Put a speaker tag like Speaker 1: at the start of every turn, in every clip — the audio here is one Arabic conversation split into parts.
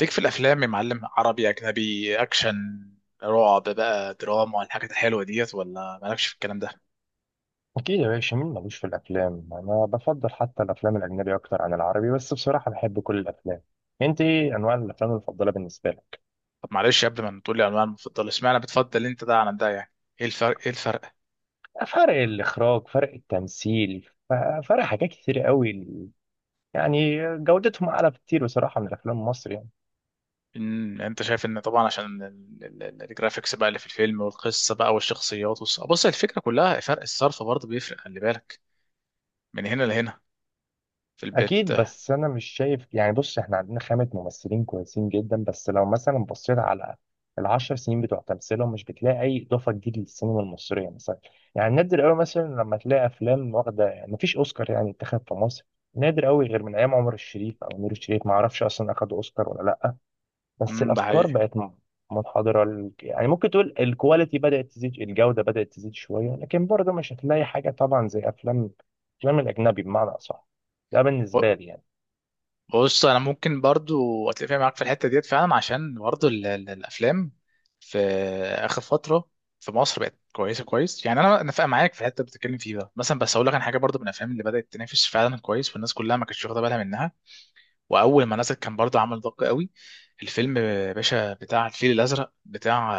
Speaker 1: ليك في الافلام يا معلم، عربي، اجنبي، اكشن، رعب بقى، دراما، الحاجات الحلوه ديت، ولا مالكش في الكلام ده؟
Speaker 2: أكيد يا باشا، مين ملوش في الأفلام؟ أنا بفضل حتى الأفلام الأجنبي أكتر عن العربي، بس بصراحة بحب كل الأفلام. أنت إيه أنواع الأفلام المفضلة بالنسبة لك؟
Speaker 1: طب معلش، قبل ما تقول لي انواع المفضله، اشمعنى بتفضل انت ده عن ده يعني؟ ايه الفرق؟ ايه الفرق؟
Speaker 2: فرق الإخراج، فرق التمثيل، فرق حاجات كتير قوي، يعني جودتهم أعلى بكتير بصراحة من الأفلام المصري يعني.
Speaker 1: إن انت شايف ان طبعا عشان الجرافيكس بقى اللي في الفيلم، والقصه بقى، والشخصيات، بص، الفكره كلها فرق الصرف برضه بيفرق. خلي بالك، من هنا لهنا، في البيت.
Speaker 2: اكيد، بس انا مش شايف يعني. بص، احنا عندنا خامة ممثلين كويسين جدا، بس لو مثلا بصيت على العشر سنين بتوع تمثيلهم، مش بتلاقي اي اضافه جديده للسينما المصريه مثلا. يعني نادر قوي مثلا لما تلاقي افلام واخده، مفيش اوسكار يعني اتخذ في مصر، نادر قوي غير من ايام عمر الشريف او نور الشريف، ما اعرفش اصلا اخد اوسكار ولا لا. بس
Speaker 1: ده
Speaker 2: الافكار
Speaker 1: حقيقي.
Speaker 2: بقت منحدره، يعني ممكن تقول الكواليتي بدات تزيد، الجوده بدات تزيد شويه، لكن برضه مش هتلاقي حاجه طبعا زي افلام، الافلام الاجنبي بمعنى اصح. ده بالنسبه لي يعني.
Speaker 1: بص، انا ممكن برضو اتفق معاك في الحته ديت فعلا، عشان برضو الافلام في اخر فتره في مصر بقت كويسه كويس، يعني انا نفق معاك في الحته اللي بتتكلم فيه ده مثلا. بس اقول لك عن حاجه برضو، من الافلام اللي بدات تنافس فعلا كويس والناس كلها ما كانتش واخده بالها منها، واول ما نزل كان برضو عمل ضجه قوي، الفيلم باشا بتاع الفيل الازرق بتاع،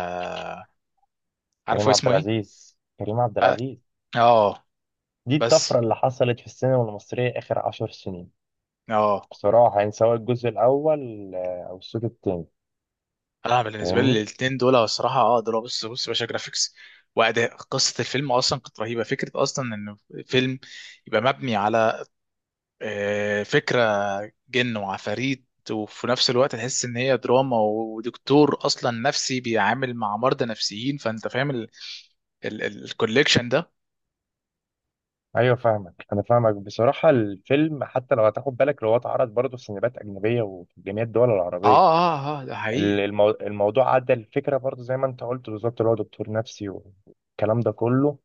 Speaker 2: كريم
Speaker 1: عارفه
Speaker 2: عبد
Speaker 1: اسمه ايه؟
Speaker 2: العزيز، كريم عبد العزيز.
Speaker 1: اه.
Speaker 2: دي
Speaker 1: بس
Speaker 2: الطفرة اللي حصلت في السينما المصرية آخر عشر سنين،
Speaker 1: اه،
Speaker 2: بصراحة، يعني سواء الجزء الأول أو الجزء التاني.
Speaker 1: انا بالنسبه لي
Speaker 2: فاهمني؟
Speaker 1: الـ2 دول هو الصراحه اه دول، بص بص يا باشا، جرافيكس واداء، قصه الفيلم اصلا كانت رهيبه. فكره اصلا ان فيلم يبقى مبني على فكره جن وعفاريت، وفي نفس الوقت تحس ان هي دراما، ودكتور اصلا نفسي بيعامل مع مرضى نفسيين، فانت فاهم الكوليكشن ده.
Speaker 2: أيوة فاهمك، أنا فاهمك. بصراحة الفيلم، حتى لو هتاخد بالك، لو هو اتعرض برضه في سينمات أجنبية وفي جميع الدول العربية،
Speaker 1: اه، ده حقيقي.
Speaker 2: الموضوع عدى. الفكرة برضه زي ما أنت قلت بالظبط، اللي هو دكتور نفسي والكلام ده كله.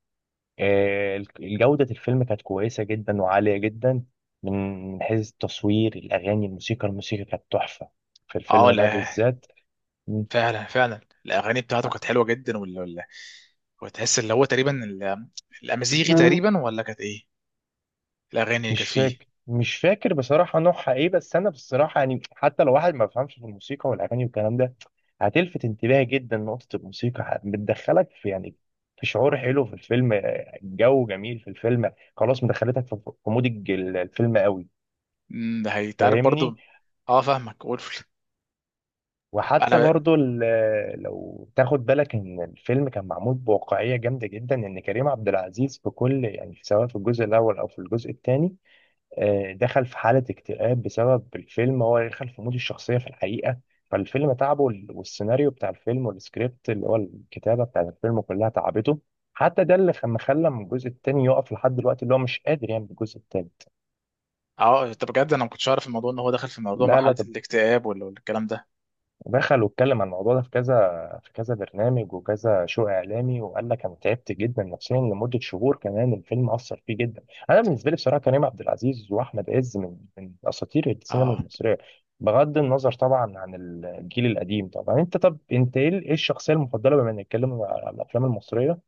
Speaker 2: جودة الفيلم كانت كويسة جدا وعالية جدا، من من حيث التصوير، الأغاني، الموسيقى. الموسيقى كانت تحفة في
Speaker 1: اه
Speaker 2: الفيلم ده
Speaker 1: لا،
Speaker 2: بالذات. م-
Speaker 1: فعلا فعلا الاغاني بتاعته كانت حلوه جدا، ولا ولا، وتحس اللي هو تقريبا الامازيغي تقريبا، ولا كانت ايه الاغاني اللي
Speaker 2: مش
Speaker 1: كانت فيه؟
Speaker 2: فاكر، مش فاكر بصراحة نوعها إيه، بس أنا بصراحة يعني حتى لو واحد ما بيفهمش في الموسيقى والأغاني والكلام ده، هتلفت انتباهي جدا نقطة الموسيقى. بتدخلك في يعني، في شعور حلو في الفيلم، جو جميل في الفيلم خلاص، مدخلتك في في مود الفيلم قوي.
Speaker 1: ده هيتعرف
Speaker 2: فاهمني؟
Speaker 1: برضو. اه فاهمك وولف.
Speaker 2: وحتى
Speaker 1: انا.
Speaker 2: برضو لو تاخد بالك ان الفيلم كان معمول بواقعيه جامده جدا، ان كريم عبد العزيز في كل يعني، سواء في الجزء الاول او في الجزء الثاني، دخل في حاله اكتئاب بسبب الفيلم. هو دخل في مود الشخصيه في الحقيقه، فالفيلم تعبه. والسيناريو بتاع الفيلم والسكريبت اللي هو الكتابه بتاع الفيلم كلها تعبته. حتى ده اللي خلى من الجزء الثاني يقف لحد دلوقتي، اللي هو مش قادر يعمل الجزء الثالث.
Speaker 1: اه، طب بجد انا ما كنتش اعرف الموضوع ان هو داخل في موضوع
Speaker 2: لا لا،
Speaker 1: مرحله
Speaker 2: ده
Speaker 1: الاكتئاب ولا ولا الكلام ده.
Speaker 2: ودخل واتكلم عن الموضوع ده في كذا، في كذا برنامج وكذا شو اعلامي، وقال لك انا تعبت جدا نفسيا لمده شهور، كمان الفيلم اثر فيه جدا. انا بالنسبه لي بصراحه، كريم عبد العزيز واحمد عز من من اساطير السينما
Speaker 1: اه.
Speaker 2: المصريه، بغض النظر طبعا عن الجيل القديم طبعا. انت طب، انت ايه، إيه الشخصيه المفضله بما نتكلم على الافلام المصريه،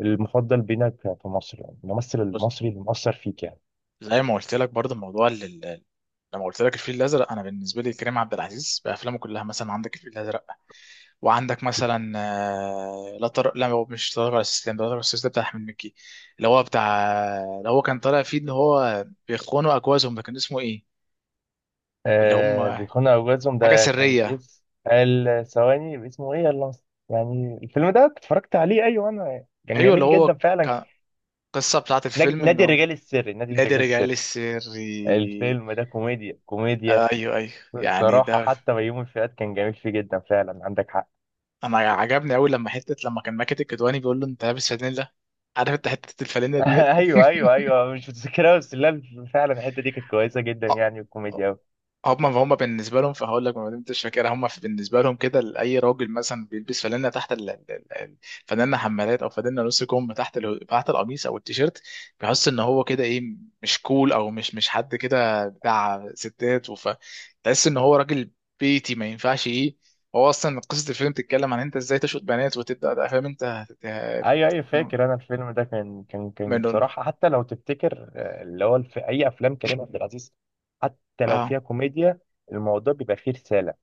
Speaker 2: المفضل بينك في مصر يعني، الممثل
Speaker 1: بص،
Speaker 2: المصري اللي مؤثر فيك يعني؟
Speaker 1: زي ما قلت لك برضو موضوع لما قلت لك الفيل الازرق، انا بالنسبه لي كريم عبد العزيز بافلامه كلها، مثلا عندك الفيل الازرق، وعندك مثلا لا لا هو مش طارق ولا استسلام، ده طارق ولا استسلام بتاع احمد مكي، اللي هو بتاع اللي هو كان طالع فيه ان هو بيخونوا اجوازهم، ده كان اسمه ايه؟ اللي هم
Speaker 2: آه، بيكون أوجاتهم،
Speaker 1: حاجه
Speaker 2: ده كان
Speaker 1: سريه.
Speaker 2: اس، ال ثواني اسمه ايه، يلا. يعني الفيلم ده اتفرجت عليه، ايوه انا، كان
Speaker 1: ايوه، اللي
Speaker 2: جميل جدا
Speaker 1: هو
Speaker 2: فعلا.
Speaker 1: كان القصه بتاعت الفيلم ان
Speaker 2: نادي
Speaker 1: هم
Speaker 2: الرجال السري، نادي
Speaker 1: نادي
Speaker 2: الرجال
Speaker 1: رجع لي
Speaker 2: السري.
Speaker 1: السري.
Speaker 2: الفيلم ده كوميديا، كوميديا.
Speaker 1: ايوه ايوه، يعني
Speaker 2: صراحة
Speaker 1: ده.
Speaker 2: حتى بيومي فؤاد كان جميل فيه جدا فعلا، عندك حق.
Speaker 1: انا عجبني قوي لما حته لما كان ماكد الكدواني بيقول له انت لابس فانيلا، عارف انت حته الفانيلا ديت.
Speaker 2: ايوه ايوه ايوه، مش متذكرها بس، لا فعلا الحتة دي كانت كويسة جدا
Speaker 1: آه.
Speaker 2: يعني الكوميديا.
Speaker 1: هما بالنسبه لهم، فهقول لك ما دمتش فاكر، هما بالنسبه لهم كده، لاي راجل مثلا بيلبس فانلة تحت فانلة حمالات او فانلة نص كم تحت تحت القميص او التيشيرت، بيحس ان هو كده ايه، مش كول، او مش حد كده بتاع ستات، وف تحس ان هو راجل بيتي ما ينفعش ايه. هو اصلا قصه الفيلم بتتكلم عن انت ازاي تشوط بنات وتبدا بقى، فاهم انت
Speaker 2: ايوه ايوه، فاكر انا الفيلم ده، كان
Speaker 1: منهم.
Speaker 2: بصراحه، حتى لو تفتكر، اللي هو في اي افلام كريم عبد العزيز، حتى لو
Speaker 1: اه.
Speaker 2: فيها كوميديا، الموضوع بيبقى فيه رساله.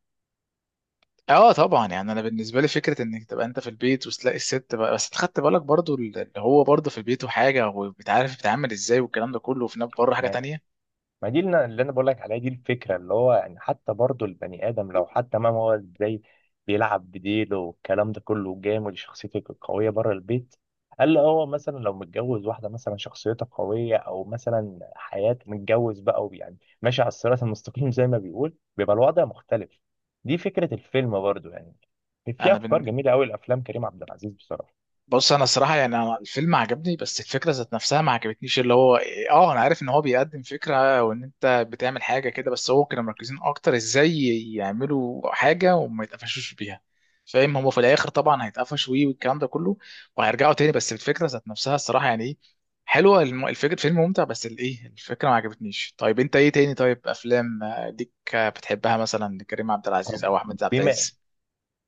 Speaker 1: اه طبعا، يعني انا بالنسبه لي فكره انك تبقى انت في البيت وتلاقي الست بقى، بس خدت بالك برضو اللي هو برضو في البيت وحاجه وبتعرف بتتعامل ازاي والكلام ده كله، وفي نفس بره حاجه تانية.
Speaker 2: ما دي اللي، انا بقول لك عليها، دي الفكره اللي هو يعني، حتى برضو البني ادم لو حتى، ما هو ازاي بيلعب بديله والكلام ده كله، جامد شخصيته قويه بره البيت. قال له هو مثلا لو متجوز واحده مثلا شخصيتها قويه، او مثلا حياته متجوز بقى ويعني ماشي على الصراط المستقيم، زي ما بيقول، بيبقى الوضع مختلف. دي فكره الفيلم برضو يعني، في
Speaker 1: انا
Speaker 2: افكار
Speaker 1: بن...
Speaker 2: جميله قوي لافلام كريم عبد العزيز بصراحه.
Speaker 1: بص، انا الصراحه يعني انا الفيلم عجبني، بس الفكره ذات نفسها ما عجبتنيش. اللي هو اه انا عارف ان هو بيقدم فكره وان انت بتعمل حاجه كده، بس هو كانوا مركزين اكتر ازاي يعملوا حاجه وما يتقفشوش بيها، فاهم؟ هما في الاخر طبعا هيتقفشوا ويه والكلام ده كله، وهيرجعوا تاني، بس الفكره ذات نفسها الصراحه يعني ايه، حلوه الفكره، الفيلم ممتع، بس الايه الفكره ما عجبتنيش. طيب انت ايه تاني؟ طيب افلام ليك بتحبها مثلا، كريم عبد العزيز
Speaker 2: طب،
Speaker 1: او احمد عبد
Speaker 2: بما
Speaker 1: العزيز؟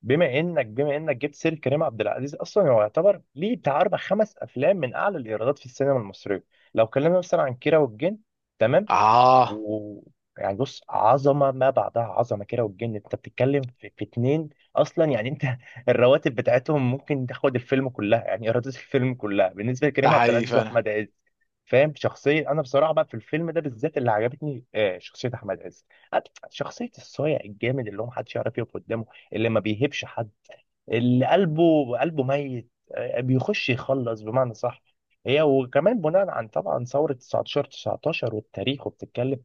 Speaker 2: بما انك جبت سير كريم عبد العزيز، اصلا هو يعتبر ليه بتاع اربع خمس افلام من اعلى الايرادات في السينما المصريه. لو اتكلمنا مثلا عن كيرة والجن، تمام؟
Speaker 1: اه،
Speaker 2: و يعني بص، عظمه ما بعدها عظمه. كيرة والجن، انت بتتكلم في, اتنين اصلا يعني، انت الرواتب بتاعتهم ممكن تاخد الفيلم كلها، يعني ايرادات الفيلم كلها بالنسبه
Speaker 1: ده
Speaker 2: لكريم عبد
Speaker 1: حقيقي
Speaker 2: العزيز
Speaker 1: فعلا.
Speaker 2: واحمد عز. فاهم؟ شخصية، أنا بصراحة بقى في الفيلم ده بالذات اللي عجبتني، شخصية أحمد عز، شخصية الصايع الجامد اللي هو محدش يعرف يقف قدامه، اللي ما بيهبش حد، اللي قلبه، ميت، بيخش يخلص بمعنى صح. هي وكمان بناء عن طبعا ثورة 19 19 والتاريخ، وبتتكلم،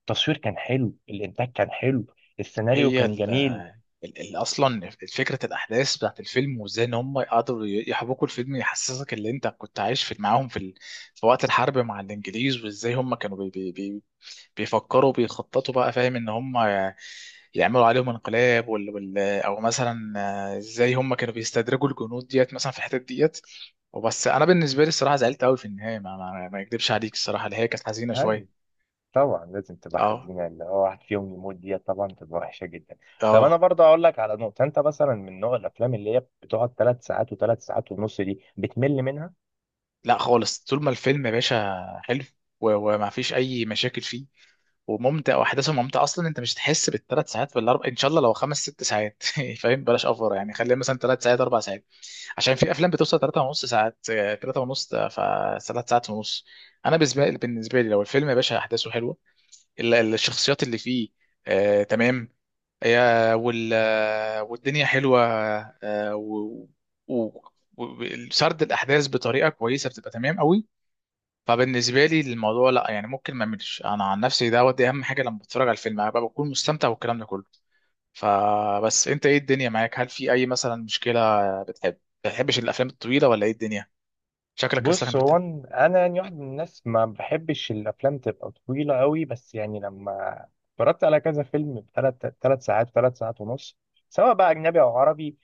Speaker 2: التصوير كان حلو، الإنتاج كان حلو، السيناريو
Speaker 1: هي
Speaker 2: كان جميل.
Speaker 1: اصلا فكره الاحداث بتاعت الفيلم، وازاي ان هم قدروا يحبكوا الفيلم يحسسك ان انت كنت عايش في معاهم في وقت الحرب مع الانجليز، وازاي هم كانوا بيفكروا بيخططوا بقى، فاهم ان هم يعملوا عليهم انقلاب او مثلا ازاي هم كانوا بيستدرجوا الجنود ديت مثلا في الحتت ديت. وبس انا بالنسبه لي الصراحه زعلت قوي في النهايه، ما اكدبش عليك الصراحه اللي هي كانت حزينه
Speaker 2: أيوة،
Speaker 1: شويه.
Speaker 2: طبعا لازم تبقى
Speaker 1: اه.
Speaker 2: حزينة، اللي هو واحد فيهم يموت، دي طبعا تبقى وحشة جدا. طب أنا
Speaker 1: اه،
Speaker 2: برضه أقول لك على نقطة، أنت مثلا من نوع الأفلام اللي هي بتقعد ثلاث ساعات وثلاث ساعات ونص، دي بتمل منها؟
Speaker 1: لا خالص، طول ما الفيلم يا باشا حلو، وما فيش اي مشاكل فيه وممتع واحداثه ممتعه، اصلا انت مش هتحس بالثلاث ساعات، والاربع ان شاء الله، لو 5 6 ساعات. فاهم، بلاش اوفر يعني، خليها مثلا 3 ساعات 4 ساعات، عشان في افلام بتوصل 3 ونص ساعات، 3 ونص، فثلاث ساعات ونص. انا بالنسبه لي لو الفيلم يا باشا احداثه حلوه، الشخصيات اللي فيه آه تمام، يا وال آه، والدنيا حلوه، آه، و و- وسرد الاحداث بطريقه كويسه، بتبقى تمام قوي. فبالنسبه لي الموضوع لا، يعني ممكن ما اعملش انا عن نفسي دوت، دي اهم حاجه، لما بتفرج على الفيلم ابقى بكون مستمتع والكلام ده كله. فبس انت ايه الدنيا معاك؟ هل في اي مثلا مشكله، بتحب ما بتحبش الافلام الطويله، ولا ايه الدنيا؟ شكلك لسه كان
Speaker 2: بص هو،
Speaker 1: بتاع.
Speaker 2: انا يعني واحد من الناس ما بحبش الافلام تبقى طويله قوي، بس يعني لما اتفرجت على كذا فيلم ثلاث ساعات، ثلاث ساعات ونص، سواء بقى اجنبي او عربي،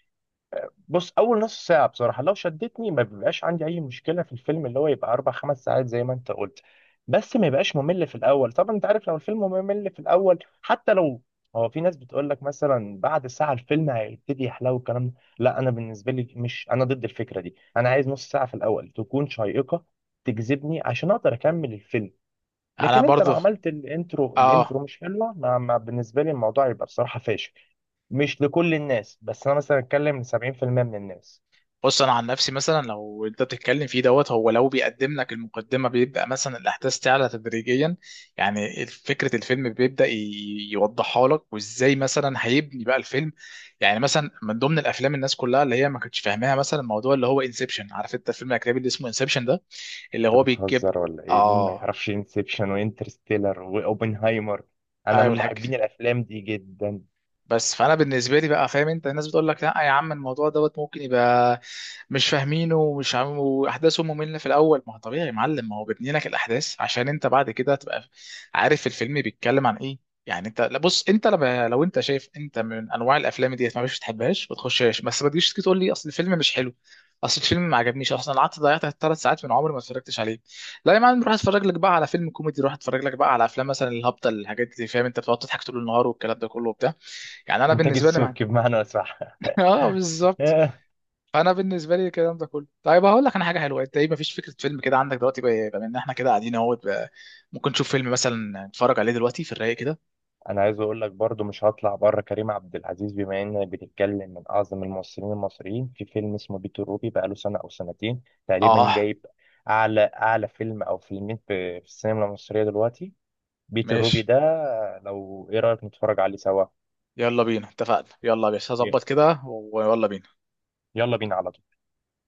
Speaker 2: بص، اول نص ساعه بصراحه لو شدتني، ما بيبقاش عندي اي مشكله في الفيلم اللي هو يبقى اربع خمس ساعات زي ما انت قلت. بس ما يبقاش ممل في الاول، طبعا انت عارف لو الفيلم ممل في الاول حتى لو، هو في ناس بتقول لك مثلا بعد ساعه الفيلم هيبتدي يحلو الكلام ده. لا، انا بالنسبه لي مش، انا ضد الفكره دي. انا عايز نص ساعه في الاول تكون شيقه، تجذبني، عشان اقدر اكمل الفيلم.
Speaker 1: انا
Speaker 2: لكن انت لو
Speaker 1: برضو
Speaker 2: عملت الانترو،
Speaker 1: اه.
Speaker 2: الانترو مش حلوه، بالنسبه لي الموضوع يبقى بصراحه فاشل. مش لكل الناس، بس انا مثلا اتكلم ل 70% من الناس.
Speaker 1: بص، انا عن نفسي مثلا لو انت بتتكلم فيه دوت، هو لو بيقدم لك المقدمه بيبدا مثلا الاحداث تعلى تدريجيا، يعني فكره الفيلم بيبدا يوضحها لك وازاي مثلا هيبني بقى الفيلم. يعني مثلا من ضمن الافلام الناس كلها اللي هي ما كانتش فاهماها، مثلا الموضوع اللي هو انسبشن، عارف انت الفيلم الاجنبي اللي اسمه انسبشن ده، اللي
Speaker 2: انت
Speaker 1: هو بيجيب.
Speaker 2: بتهزر ولا ايه؟ مين ما
Speaker 1: اه،
Speaker 2: يعرفش انسبشن وانترستيلر واوبنهايمر؟ انا
Speaker 1: ايوه
Speaker 2: من
Speaker 1: الحاج.
Speaker 2: محبين الافلام دي جدا.
Speaker 1: بس فانا بالنسبه لي بقى، فاهم انت الناس بتقول لك لا يا عم، الموضوع دوت ممكن يبقى مش فاهمينه ومش عم واحداثه ممله في الاول، ما هو طبيعي يا معلم، ما هو بيبني لك الاحداث عشان انت بعد كده تبقى عارف الفيلم بيتكلم عن ايه. يعني انت لا، بص، انت لما لو انت شايف انت من انواع الافلام ديت ما بتحبهاش بتحبهاش، ما تخشهاش، بس ما تجيش تيجي تقول لي اصل الفيلم مش حلو، اصل الفيلم ما عجبنيش، اصلا قعدت ضيعت 3 ساعات من عمري ما اتفرجتش عليه. لا يا معلم، روح اتفرج لك بقى على فيلم كوميدي، روح اتفرج لك بقى على افلام مثلا الهبطه الحاجات دي، فاهم انت، بتقعد تضحك طول النهار والكلام ده كله وبتاع. يعني انا
Speaker 2: انتاج
Speaker 1: بالنسبه لي معنى.
Speaker 2: السبكي بمعنى صح.
Speaker 1: اه بالظبط. فانا بالنسبه لي الكلام ده كله. طيب هقول لك انا حاجه حلوه، انت ايه، مفيش فكره فيلم كده عندك دلوقتي بقى، بما ان احنا كده قاعدين اهوت بقى، ممكن نشوف فيلم مثلا نتفرج عليه دلوقتي في الرايق كده؟
Speaker 2: انا عايز اقول لك برضو، مش هطلع بره كريم عبد العزيز بما اننا بنتكلم من اعظم الممثلين المصريين، في فيلم اسمه بيت روبي بقاله سنه او سنتين تقريبا،
Speaker 1: اه
Speaker 2: جايب اعلى، اعلى فيلم او فيلمين في, السينما المصريه دلوقتي، بيت الروبي
Speaker 1: ماشي.
Speaker 2: ده. لو ايه رايك نتفرج عليه سوا؟
Speaker 1: يلا بينا، اتفقنا، يلا يا باشا
Speaker 2: ي-
Speaker 1: هظبط كده، ويلا بينا.
Speaker 2: يلا بينا على طول.